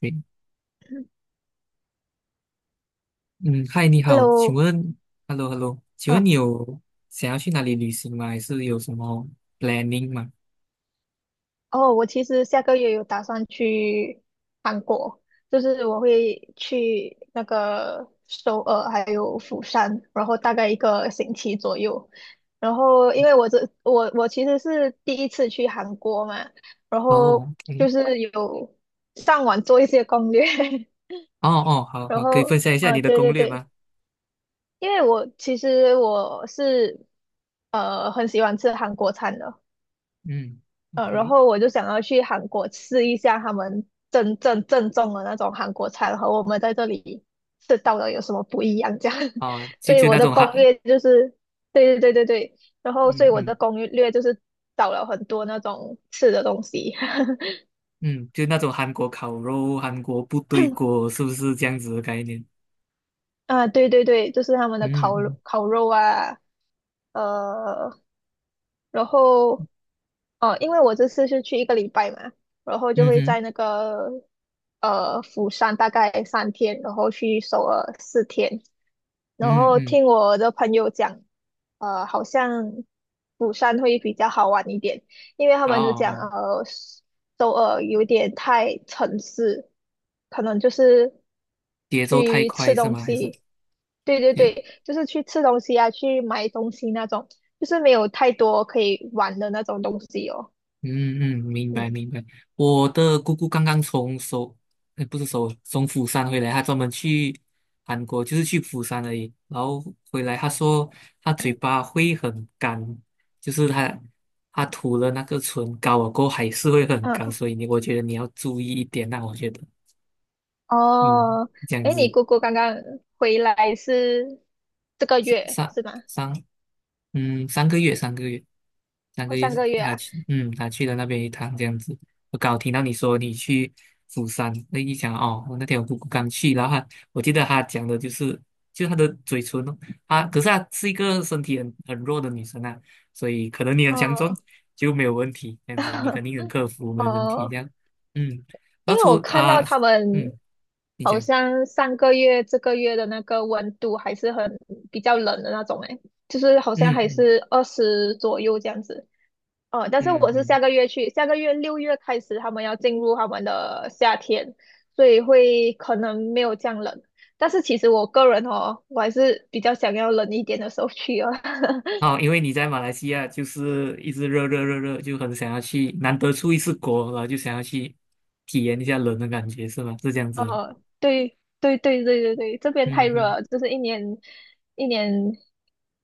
诶，嗯，嗨，你好，请 Hello，问，hello，hello，请嗯，问你有想要去哪里旅行吗？还是有什么 planning 吗？哦，我其实下个月有打算去韩国，就是我会去那个首尔还有釜山，然后大概一个星期左右。然后因为我这我我其实是第一次去韩国嘛，然后哦，OK，就是有上网做一些攻略。哦哦，好然好，可以后分享一下你的对攻对略对，吗？因为我其实我是很喜欢吃韩国餐的。嗯然，OK，后我就想要去韩国吃一下他们真正正宗的那种韩国菜和我们在这里吃到的有什么不一样这样。哦，就所以就我那的种攻韩，略就是，对对对对对，然后所嗯以我嗯的攻略就是找了很多那种吃的东西。嗯，就那种韩国烤肉、韩国部队锅，是不是这样子的概念？啊，对对对，就是他们的烤嗯肉嗯烤肉啊。呃，然后因为我这次是去一个礼拜嘛，然后就嗯会哼在釜山大概3天，然后去首尔4天。然嗯后嗯，听我的朋友讲，好像釜山会比较好玩一点，因为他哦们就讲，哦，首尔有点太城市，可能就是节奏太去快吃是东吗？还是？西，对对对，就是去吃东西啊，去买东西那种，就是没有太多可以玩的那种东西哦。嗯嗯，明嗯，白明白。我的姑姑刚刚不是首从釜山回来，她专门去韩国，就是去釜山而已。然后回来，她说她嘴巴会很干，就是她涂了那个唇膏了过后还是会很干，嗯，所以你我觉得你要注意一点那我觉得，嗯，哦，这样哎，你子。姑姑刚刚回来是这个三月三是吗？三，嗯，三个月，三个月，三个哦，月上是个月他啊。去，嗯，他去了那边一趟这样子。我刚好听到你说你去釜山，那一讲哦，我那天我姑姑刚去，然后我记得她讲的就是，就她的嘴唇哦，啊，可是她是一个身体很弱的女生啊，所以可能你很强壮哦，就没有问题，这样子你肯定能克 服，没有问题这哦，样。嗯，因然后为我看到他嗯，们你好讲，像上个月、这个月的那个温度还是很比较冷的那种。诶，就是好像嗯还嗯是20左右这样子。哦，但是嗯我是嗯。下个月去，下个月六月开始他们要进入他们的夏天，所以会可能没有这样冷。但是其实我个人哦，我还是比较想要冷一点的时候去哦。哦，因为你在马来西亚就是一直热热热热，就很想要去，难得出一次国，然后就想要去体验一下冷的感觉，是吗？是这样子哦。哦，对对对对对对，这边太嗯热嗯，了，就是一年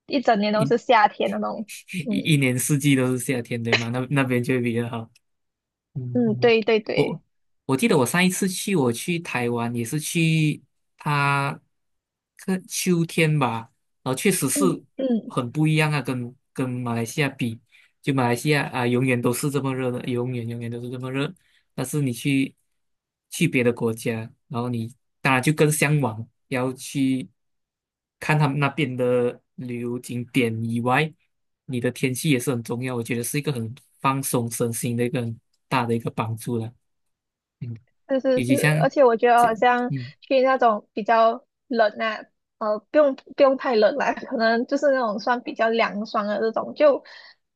一整年都一 是 夏天那种。一嗯年四季都是夏天，对吗？那边就会比较好。嗯嗯，嗯，对对对，我我记得我上一次去，我去台湾也是去它个秋天吧，然后确实是嗯，很不一样啊，跟马来西亚比。就马来西亚啊，永远都是这么热的，永远永远都是这么热。但是你去别的国家，然后你当然就更向往要去看他们那边的旅游景点以外，你的天气也是很重要。我觉得是一个很放松身心的一个很大的一个帮助了。嗯，是是以是，及像，而且我觉得像好像嗯去那种比较冷啊，不用太冷啦，可能就是那种算比较凉爽的这种，就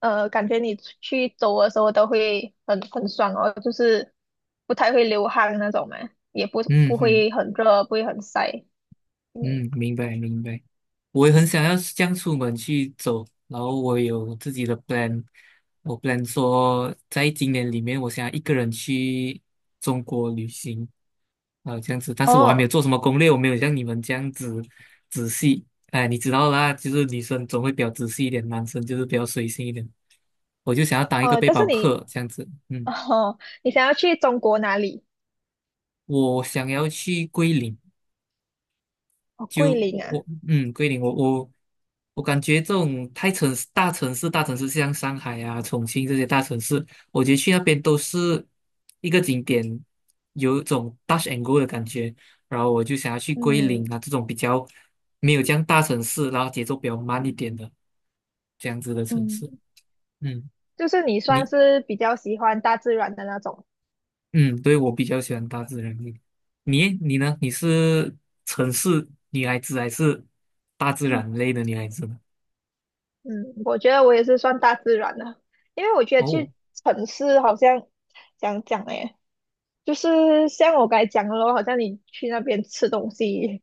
呃，感觉你出去走的时候都会很爽哦，就是不太会流汗那种嘛，也不嗯不嗯。会很热，不会很晒。嗯，明白明白。我也很想要这样出门去走，然后我有自己的 plan，我 plan 说在今年里面，我想要一个人去中国旅行啊，这样子。但是我还没有哦做什么攻略，我没有像你们这样子仔细。哎，你知道啦，就是女生总会比较仔细一点，男生就是比较随性一点。我就想要当一个哦，背但是包客你这样子，嗯，哦，你想要去中国哪里？我想要去桂林。哦，就桂我林啊。我嗯，桂林，我感觉这种太城市大城市大城市，像上海啊、重庆这些大城市，我觉得去那边都是一个景点，有一种 touch and go 的感觉。然后我就想要去桂林嗯啊这种比较没有这样大城市，然后节奏比较慢一点的这样子的城嗯，市。嗯，就是你算你是比较喜欢大自然的那种。嗯，对我比较喜欢大自然一点你呢？你是城市女孩子还是大自然类的女孩子呢？嗯，我觉得我也是算大自然的，因为我觉得哦。去城市好像讲讲诶，就是像我刚才讲的咯，好像你去那边吃东西，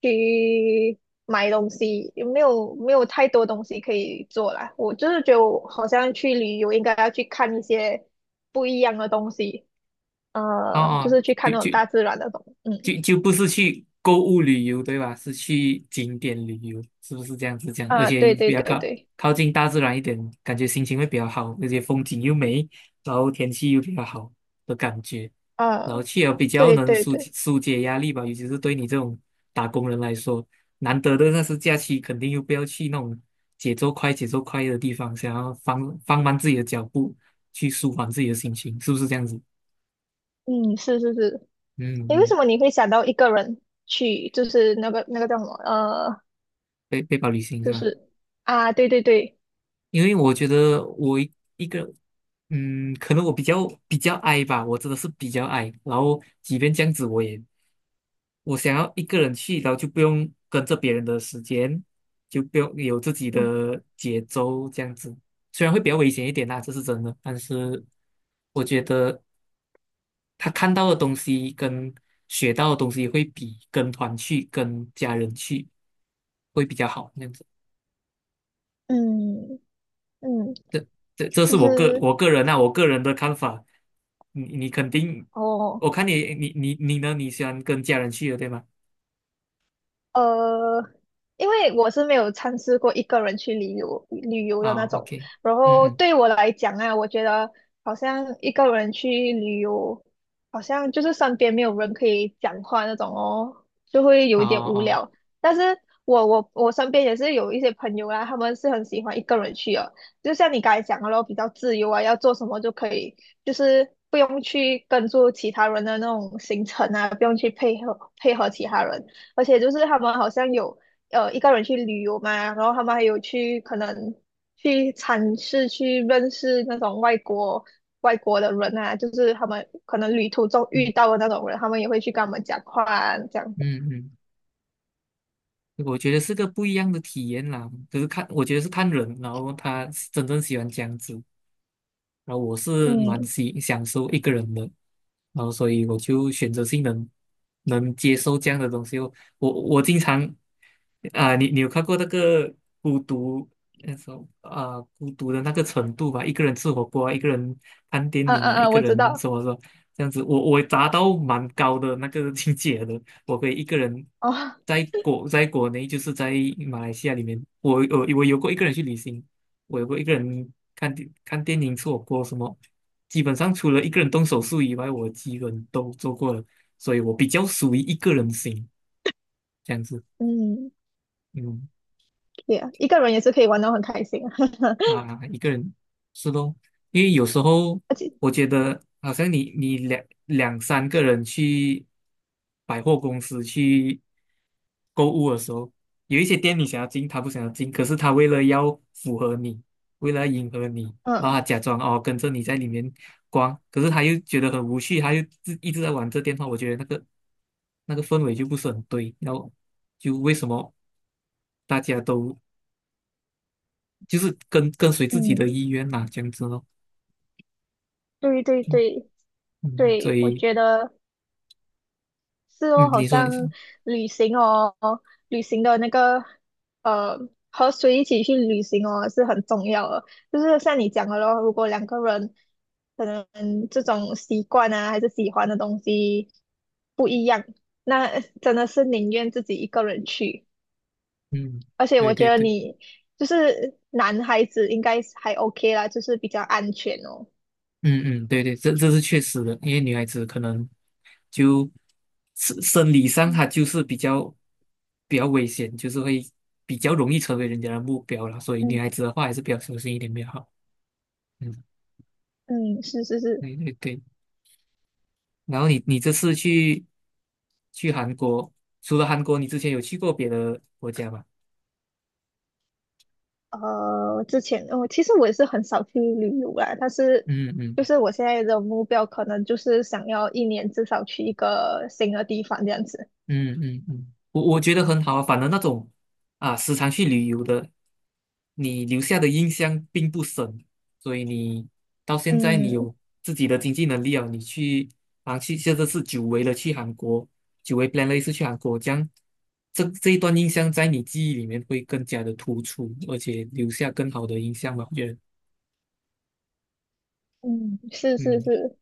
去买东西，也没有太多东西可以做啦。我就是觉得我好像去旅游应该要去看一些不一样的东西。哦就哦，是去看就那种就大自然的嗯。就就不是去购物旅游，对吧？是去景点旅游，是不是这样子讲？而啊，且对又对比较对对，近大自然一点，感觉心情会比较好，而且风景又美，然后天气又比较好的感觉，然后啊，去了比较对能对对，解压力吧，尤其是对你这种打工人来说，难得的那是假期，肯定又不要去那种节奏快、节奏快的地方，想要慢自己的脚步，去舒缓自己的心情，是不是这样子？嗯，是是是。嗯诶，为什嗯。么你会想到一个人去，就是那个叫什么，包旅行是就吧？是啊，对对对，因为我觉得一个，嗯，可能我比较 i 吧，我真的是比较 i。然后即便这样子，我想要一个人去，然后就不用跟着别人的时间，就不用有自己嗯的节奏这样子。虽然会比较危险一点啦，这是真的，但是我觉得他看到的东西跟学到的东西会比跟团去、跟家人去会比较好。样子。嗯嗯，这这是就我是个人啊，我个人的看法。你肯定，我哦，看你呢？你喜欢跟家人去的，对吗？呃，因为我是没有尝试过一个人去旅游的那啊种，，OK，然嗯后嗯，对我来讲啊，我觉得好像一个人去旅游，好像就是身边没有人可以讲话那种哦，就会有哦一点无哦，聊。但是我身边也是有一些朋友啦，他们是很喜欢一个人去的，就像你刚才讲的咯，比较自由啊，要做什么就可以，就是不用去跟住其他人的那种行程啊，不用去配合配合其他人。而且就是他们好像有一个人去旅游嘛，然后他们还有去可能去尝试去认识那种外国的人啊，就是他们可能旅途中遇到的那种人，他们也会去跟他们讲话啊这样子。嗯嗯，我觉得是个不一样的体验啦。可是看，我觉得是看人，然后他真正喜欢这样子。然后我是蛮嗯，喜享受一个人的，然后所以我就选择性能接受这样的东西哦。我经常啊、你有看过那个孤独那种啊、孤独的那个程度吧？一个人吃火锅啊一个人看电嗯影嗯啊，一嗯，个我人知道什么什么这样子，我达到蛮高的那个境界的。我可以一个人哦。在国内，就是在马来西亚里面，我有过一个人去旅行。我有过一个人看电影吃火锅什么，基本上除了一个人动手术以外，我基本都做过了，所以我比较属于一个人型这样子。嗯，嗯对啊，一个人也是可以玩得很开心啊。啊，一个人是咯，因为有时候 而且我觉得好像你两三个人去百货公司去购物的时候，有一些店你想要进，他不想要进，可是他为了要符合你，为了迎合你，然后他嗯假装哦跟着你在里面逛，可是他又觉得很无趣，他又自一直在玩这电话，我觉得那个氛围就不是很对，然后就为什么大家都就是跟随自己的嗯，意愿嘛，这样子咯。对对对嗯，所对，我以，觉得。是嗯，哦，好你说，像你说，旅行哦，旅行的呃，和谁一起去旅行哦，是很重要的。就是像你讲的咯，如果两个人可能这种习惯啊，还是喜欢的东西不一样，那真的是宁愿自己一个人去。嗯，而且对我觉对得对，你就是男孩子应该还 OK 啦，就是比较安全哦。嗯嗯，对对，这是确实的，因为女孩子可能就理上她就是比较危险，就是会比较容易成为人家的目标了，所以嗯女孩子的话还是比较小心一点比较好。嗯，嗯，是是是。对对对。然后你这次去韩国，除了韩国，你之前有去过别的国家吗？之前我其实也是很少去旅游啦，但是嗯嗯就是我现在的目标可能就是想要一年至少去一个新的地方这样子。嗯嗯嗯，我觉得很好啊，反正那种啊时常去旅游的。你留下的印象并不深，所以你到现在你嗯有自己的经济能力了，你去啊去现在是久违了去韩国，久违 plan 了一次去韩国，这样这一段印象在你记忆里面会更加的突出，而且留下更好的印象吧，我觉得，嗯，是是嗯，是，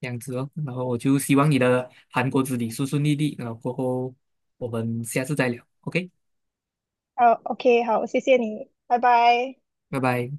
这样子哦，然后我就希望你的韩国之旅顺顺利利，然后过后我们下次再聊，OK，好，OK，好，谢谢你，拜拜。拜拜。